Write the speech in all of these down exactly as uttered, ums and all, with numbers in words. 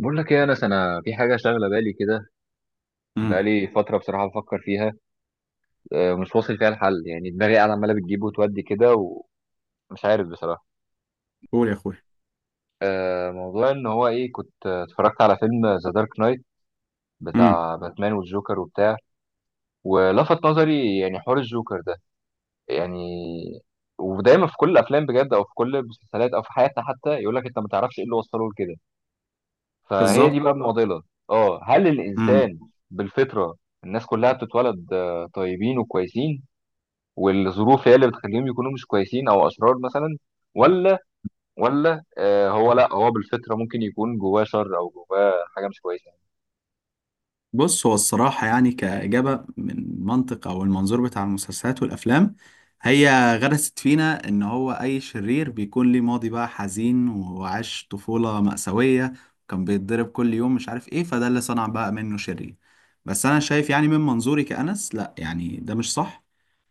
بقول لك ايه يا انس، انا في حاجه شاغله بالي كده. امم. بقالي فتره بصراحه بفكر فيها. آه، مش واصل فيها الحل، يعني دماغي قاعده عماله بتجيب وتودي كده، ومش عارف بصراحه. قول يا اخويا. آه، موضوع ان هو ايه، كنت آه، اتفرجت على فيلم ذا دارك نايت، امم. بتاع باتمان والجوكر وبتاع. ولفت نظري يعني حوار الجوكر ده، يعني. ودايما في كل الافلام بجد، او في كل المسلسلات، او في حياتنا حتى، يقول لك انت ما تعرفش ايه اللي وصله لكده. فهي دي بالظبط. بقى المعضله. اه، هل امم. الانسان بالفطره الناس كلها بتتولد آه، طيبين وكويسين، والظروف هي اللي بتخليهم يكونوا مش كويسين او اشرار مثلا؟ ولا، ولا آه هو، لا هو بالفطره ممكن يكون جواه شر او جواه حاجه مش كويسه. بص، هو الصراحه يعني، كاجابه من منطق او المنظور بتاع المسلسلات والافلام، هي غرست فينا ان هو اي شرير بيكون ليه ماضي بقى حزين، وعاش طفوله مأساويه وكان بيتضرب كل يوم، مش عارف ايه، فده اللي صنع بقى منه شرير. بس انا شايف يعني من منظوري كأنس، لا يعني ده مش صح.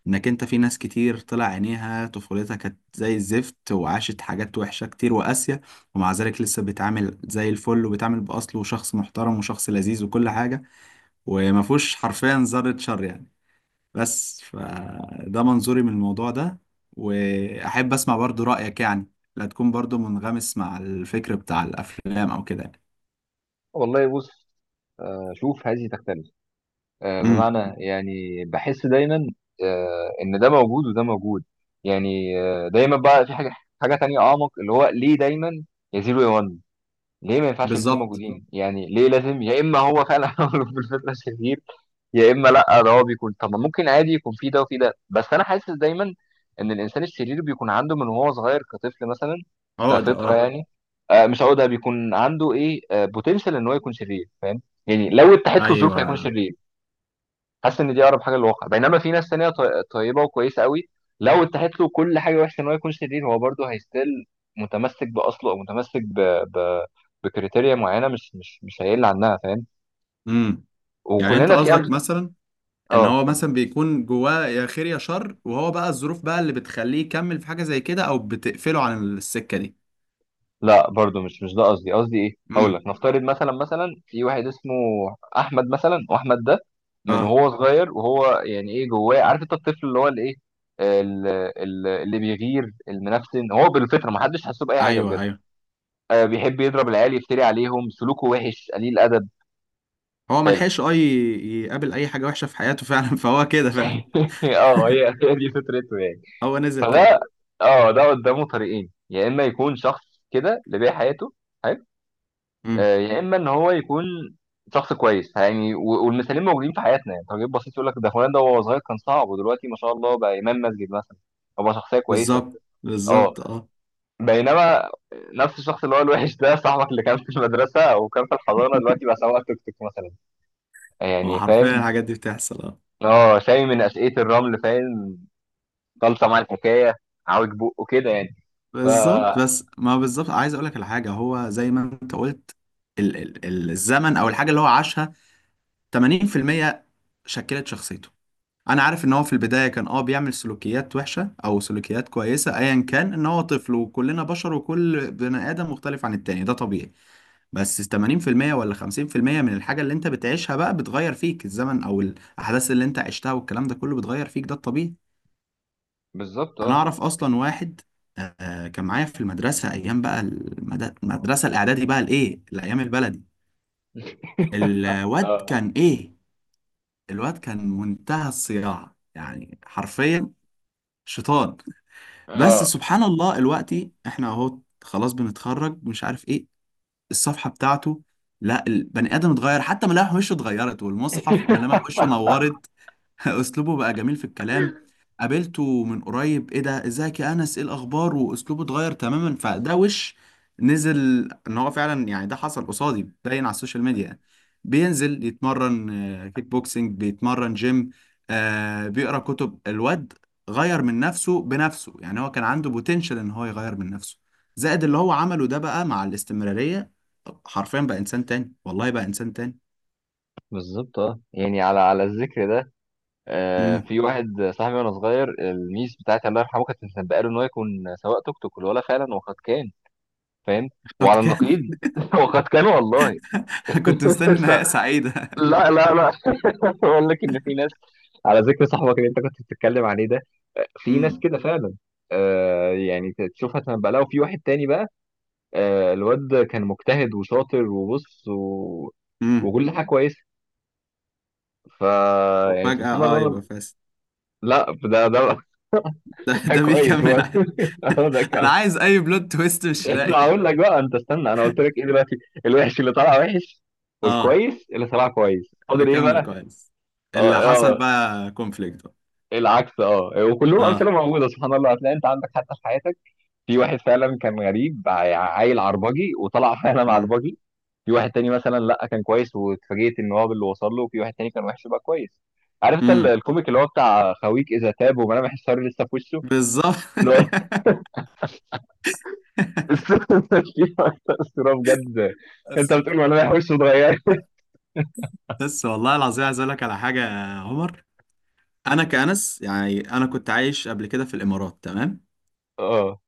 انك انت في ناس كتير طلع عينيها، طفولتها كانت زي الزفت وعاشت حاجات وحشة كتير وقاسية، ومع ذلك لسه بيتعامل زي الفل وبيتعامل بأصله، وشخص محترم وشخص لذيذ وكل حاجة، وما فيهوش حرفيا ذرة شر يعني. بس فده منظوري من الموضوع ده، وأحب أسمع برضو رأيك يعني، لا تكون برضو منغمس مع الفكر بتاع الأفلام أو كده يعني. والله بص، آه شوف، هذه تختلف. آه امم. بمعنى، يعني بحس دايما آه ان ده موجود وده موجود، يعني. آه دايما بقى في حاجه، حاجه تانية اعمق، اللي هو ليه دايما يزيد وينقص؟ ليه ما ينفعش الاتنين بالظبط. موجودين؟ يعني ليه لازم يا اما هو فعلا عمله في الفتره الشرير، يا اما لا، ده هو بيكون، طب ما ممكن عادي يكون في ده وفي ده. بس انا حاسس دايما ان الانسان الشرير بيكون عنده من وهو صغير كطفل مثلا، عقدة، كفطره اه. يعني. آه مش هقول ده، بيكون عنده ايه، آه، بوتنشال ان هو يكون شرير، فاهم؟ يعني لو اتاحت له الظروف هيكون أيوه. شرير. حاسس ان دي اقرب حاجه للواقع. بينما في ناس تانية طي- طيبه وكويسه قوي، لو اتاحت له كل حاجه وحشه ان هو يكون شرير، هو برضه هيستيل متمسك باصله، او متمسك ب... ب... بكريتيريا معينه، مش مش مش هيقل عنها، فاهم؟ امم. يعني أنت وكلنا في قصدك امثله. مثلا ان اه، هو اتفضل. مثلا بيكون جواه يا خير يا شر، وهو بقى الظروف بقى اللي بتخليه يكمل في حاجه زي كده او بتقفله عن السكه دي. لا برضه، مش مش ده قصدي. قصدي ايه، هقول امم. لك، نفترض مثلا، مثلا في واحد اسمه احمد مثلا، واحمد ده من اه، وهو صغير وهو يعني ايه، جواه، عارف انت الطفل اللي هو الايه، ال- ال- اللي بيغير المنفسن، هو بالفطره ما حدش حاسه باي حاجه بجد. ايوه ايوه. آه، بيحب يضرب العيال، يفتري عليهم، سلوكه وحش، قليل ادب. هو ما حلو. لحقش اه ي- يقابل اي حاجه وحشه في حياته فعلا فهو كده فعلا. اه، هي هي دي فطرته يعني. هو نزل كده. فده، اه، ده قدامه طريقين، يا اما يكون شخص كده اللي بيع حياته، حلو، امم. آه، يا اما ان هو يكون شخص كويس يعني. و- والمثالين موجودين في حياتنا، يعني تجربة بسيط، يقول لك ده فلان ده وهو صغير كان صعب، ودلوقتي ما شاء الله بقى امام مسجد مثلا، أو بقى شخصيه كويسه. بالظبط اه. بالظبط، اه. بينما نفس الشخص اللي هو الوحش ده، صاحبك اللي كان في المدرسه او كان في الحضانه، دلوقتي بقى سواق توك توك مثلا، هو يعني، حرفيا فاهم؟ الحاجات دي بتحصل، اه. اه، سامي من اسئله الرمل، فاهم؟ خالصه مع الحكايه، عوج بقه كده يعني. ف، بالظبط، بس ما بالظبط، عايز اقول لك على حاجه، هو زي ما انت قلت، ال ال ال- الزمن او الحاجه اللي هو عاشها ثمانين في المية شكلت شخصيته. انا عارف ان هو في البدايه كان اه بيعمل سلوكيات وحشه او سلوكيات كويسه، ايا كان، ان هو طفل وكلنا بشر وكل بني ادم مختلف عن التاني، ده طبيعي. بس ثمانين في المية ولا خمسين في المية من الحاجه اللي انت بتعيشها بقى بتغير فيك، الزمن او الاحداث اللي انت عشتها والكلام ده كله بتغير فيك، ده الطبيعي. بالظبط، انا اه، اعرف اصلا واحد، آه، كان معايا في المدرسه، ايام بقى المد- المدرسه الاعدادي بقى، الايه، الايام البلدي. الواد اه، كان ايه، الواد كان منتهى الصياعه يعني، حرفيا شيطان. بس اه. سبحان الله دلوقتي احنا اهو، خلاص بنتخرج، مش عارف ايه الصفحة بتاعته، لا، البني آدم اتغير، حتى ملامح وشه اتغيرت، والمصحف ملامح وشه نورت. أسلوبه بقى جميل في الكلام، قابلته من قريب: إيه ده، إزيك يا أنس، إيه الأخبار، وأسلوبه اتغير تماما، فده وش نزل. إن هو فعلا يعني، ده حصل قصادي، باين على السوشيال ميديا يعني، بينزل يتمرن، آه، كيك بوكسينج، بيتمرن جيم، آه، بيقرأ كتب. الواد غير من نفسه بنفسه يعني، هو كان عنده بوتنشال إن هو يغير من نفسه، زائد اللي هو عمله ده بقى مع الاستمرارية. حرفيا بقى انسان تاني، والله بقى انسان تاني. بالظبط، اه. يعني على على الذكر ده، آه، امم. في واحد صاحبي وانا صغير، الميس بتاعتي الله يرحمه كانت مسبقه له ان هو يكون سواق توك توك، والولا فعلا وقد كان، فاهم؟ قد وعلى كان. النقيض وقد كان والله. كنت مستني نهاية سعيدة. لا لا لا. بقول لك ان في ناس، على ذكر صاحبك اللي انت كنت بتتكلم عليه ده، في ناس امم. كده فعلا، آه يعني تشوفها تنبأ لها. وفي واحد تاني بقى، آه، الواد كان مجتهد وشاطر وبص و... امم. وكل حاجه كويسه، ف، يعني وفجأة سبحان اه الله، يبقى لم- فاسد. لا، ده ده، ده ده ده كويس بيكمل هو. ع- هو ده انا كمان. عايز اي بلوت تويست، مش لا، لاقي. هقول لك بقى، انت استنى، انا قلت لك ايه دلوقتي، الوحش اللي طلع وحش، اه، والكويس اللي طلع كويس، اللي فاضل ايه كمل بقى؟ كويس. اه، اللي حصل آه، بقى كونفليكت. العكس. اه، وكلهم اه. امثله موجوده سبحان الله، هتلاقي انت عندك حتى في حياتك في واحد فعلا كان غريب، ع- عيل عربجي، وطلع فعلا امم. عربجي. في واحد تاني مثلا لا، كان كويس واتفاجئت ان هو باللي وصل له. وفي واحد تاني كان وحش بقى كويس. عارف انت ال- امم. الكوميك اللي هو بتاع خويك اذا تاب وملامح الشر لسه في وشه، بالظبط. اللي هو في أكتر صوره بجد. انت بس. بتقول ملامح وشه اتغيرت. بس والله العظيم عايز اقول لك على حاجة يا عمر. انا كأنس يعني، انا كنت عايش قبل كده في الامارات، تمام؟ اه،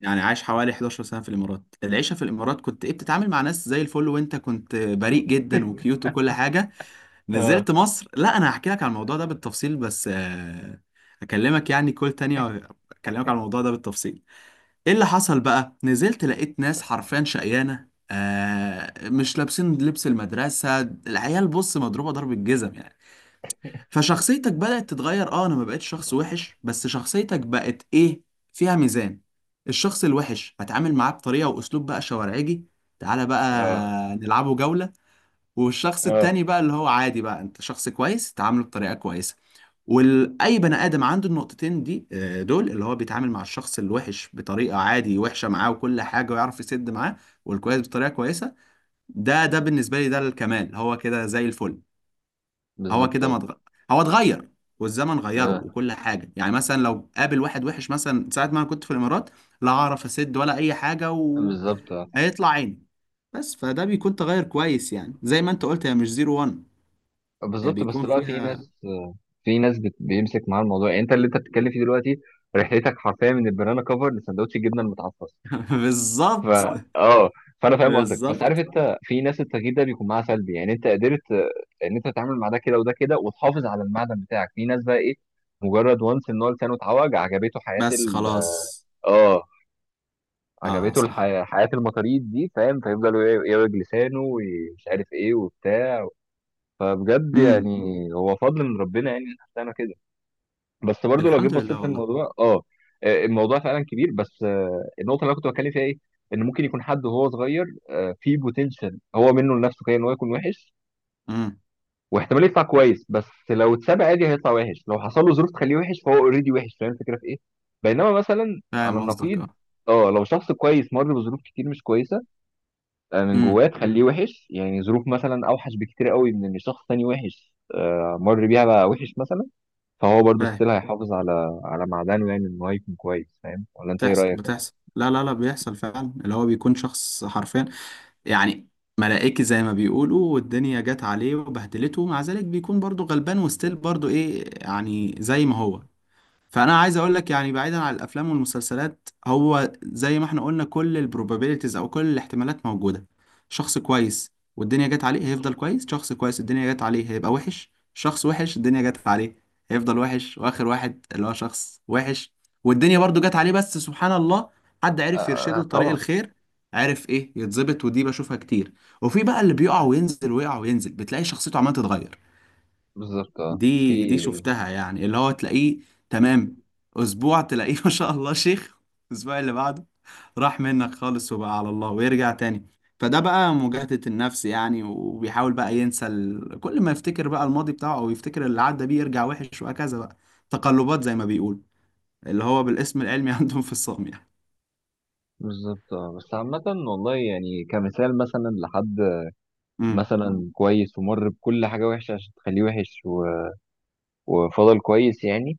يعني عايش حوالي حداشر سنة في الإمارات. العيشة في الإمارات كنت إيه، بتتعامل مع ناس زي الفل، وأنت كنت بريء جدا وكيوت وكل حاجة. اه، نزلت مصر، لا، أنا هحكي لك على الموضوع ده بالتفصيل، بس آه، أكلمك يعني كل تانية، أكلمك على الموضوع ده بالتفصيل. إيه اللي حصل بقى، نزلت لقيت ناس حرفيا شقيانة، آه، مش لابسين لبس المدرسة، العيال بص مضروبة ضرب الجزم يعني. فشخصيتك بدأت تتغير، اه، انا ما بقتش شخص وحش، بس شخصيتك بقت ايه، فيها ميزان. الشخص الوحش هتعامل معاه بطريقة واسلوب بقى شوارعجي، تعالى بقى اه، نلعبه جولة. والشخص اه، التاني بقى اللي هو عادي، بقى انت شخص كويس، تعامله بطريقة كويسة. واي بني ادم عنده النقطتين دي، آه، دول اللي هو بيتعامل مع الشخص الوحش بطريقة عادي وحشة معاه وكل حاجة ويعرف يسد معاه، والكويس بطريقة كويسة. ده ده بالنسبة لي ده الكمال، هو كده زي الفل. هو بالظبط، كده ما اه، اتغ... هو اتغير، والزمن غيره وكل حاجه يعني. مثلا لو قابل واحد وحش، مثلا ساعه ما انا كنت في الامارات، لا اعرف اسد ولا اي حاجه اه، بالظبط، اه. وهيطلع عيني. بس فده بيكون تغير كويس يعني، زي ما انت قلت، هي مش زيرو وان، هي بالظبط، بس بيكون لا، في فيها. ناس، في ناس بت- بيمسك معاها الموضوع. يعني انت اللي انت بتتكلم فيه دلوقتي، رحلتك حرفيا من البنانا كفر لسندوتش الجبنه المتعفص. ف، بالظبط اه، فانا فاهم قصدك. بس بالظبط. عارف انت في ناس التغيير ده بيكون معاها سلبي، يعني انت قدرت، آه، ان انت تتعامل مع ده كده وده كده، وتحافظ على المعدن بتاعك. في ناس بقى ايه، مجرد وانس ان هو لسانه اتعوج، عجبته حياه بس ال، خلاص. اه، اه عجبته صح. الحياه، حياه المطاريد دي، فاهم؟ فيفضلوا ي- يعوج لسانه ومش عارف ايه وبتاع. فبجد يعني، امم. هو فضل من ربنا يعني إن احنا طلعنا كده. بس برضو لو جيت الحمد لله بصيت والله. للموضوع، اه، آه، الموضوع فعلا كبير. بس آه، النقطه اللي انا كنت بتكلم فيها ايه، ان ممكن يكون حد وهو صغير آه، فيه بوتنشال هو منه لنفسه كده ان هو يكون وحش، امم. واحتمال يطلع كويس، بس لو اتساب عادي هيطلع وحش. لو حصل له ظروف تخليه وحش، فهو اوريدي وحش، فاهم الفكره في ايه؟ بينما مثلا على فاهم قصدك، النقيض، اه. اه، لو شخص كويس مر بظروف كتير مش كويسه، آه، من جواه امم. تخليه وحش، يعني ظروف مثلا اوحش بكتير قوي من ان شخص تاني وحش آه، مر بيها بقى وحش مثلا، فهو برضه فاهم. ستيل هيحافظ على على معدنه، يعني ان هو يكون كويس. فاهم ولا انت ايه بتحصل رايك؟ بتحصل، لا لا لا، بيحصل فعلا، اللي هو بيكون شخص حرفيا يعني ملائكي زي ما بيقولوا، والدنيا جت عليه وبهدلته، ومع ذلك بيكون برضو غلبان وستيل برضو ايه يعني زي ما هو. فانا عايز اقول لك يعني، بعيدا عن الافلام والمسلسلات، هو زي ما احنا قلنا، كل البروبابيلتيز او كل الاحتمالات موجوده. شخص كويس والدنيا جت عليه هيفضل كويس، شخص كويس الدنيا جت عليه هيبقى وحش، شخص وحش الدنيا جت عليه هيفضل وحش، واخر واحد اللي هو شخص وحش والدنيا برضو جت عليه، بس سبحان الله حد عرف يرشده آه لطريق طبعا. الخير، عرف ايه يتظبط، ودي بشوفها كتير. وفي بقى اللي بيقع وينزل ويقع وينزل، بتلاقي شخصيته عمالة تتغير. بالظبط، آه. في، دي دي شفتها يعني، اللي هو تلاقيه تمام اسبوع، تلاقيه ما شاء الله شيخ، الاسبوع اللي بعده راح منك خالص وبقى على الله، ويرجع تاني. فده بقى مجاهدة النفس يعني، وبيحاول بقى ينسى ال... كل ما يفتكر بقى الماضي بتاعه، او يفتكر اللي عدى بيه يرجع وحش وهكذا بقى. تقلبات، زي ما بيقول، اللي هو بالاسم العلمي عندهم في الصام يعني. بالظبط، آه. بس عامة والله، يعني كمثال، مثلا لحد امم. مثلا كويس ومر بكل حاجة وحشة عشان تخليه وحش و... وفضل كويس يعني.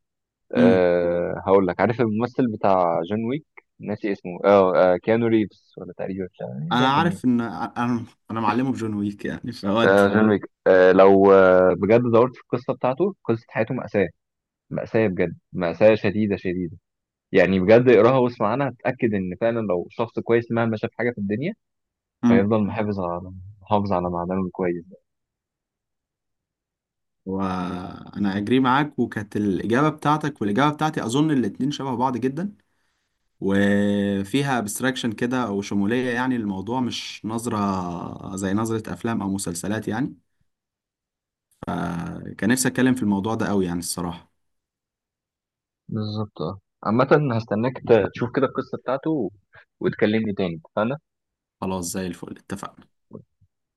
امم. أه هقول لك، عارف الممثل بتاع جون ويك؟ ناسي اسمه، اه، آه، كيانو ريفز ولا تقريبا، مش عارف يعني انا بيكون ايه. عارف ان انا انا معلمه بجون ويك يعني، فودي. آه، جون ويك، آه، لو آه بجد دورت في القصة بتاعته، قصة حياته مأساة، مأساة بجد، مأساة شديدة شديدة. يعني بجد اقراها واسمع عنها، هتتأكد إن فعلا لو شخص كويس مهما شاف حاجة في الدنيا، امم. فيفضل محافظ على، محافظ على معدنه الكويس ده. وانا اجري معاك، وكانت الاجابه بتاعتك والاجابه بتاعتي، اظن الاتنين شبه بعض جدا، وفيها ابستراكشن كده او شموليه يعني. الموضوع مش نظره زي نظره افلام او مسلسلات يعني، كان نفسي اتكلم في الموضوع ده قوي يعني الصراحه. بالظبط، اه. عامة هستناك ت- تشوف كده القصة بتاعته، و- وتكلمني تاني، اتفقنا؟ خلاص زي الفل، اتفقنا.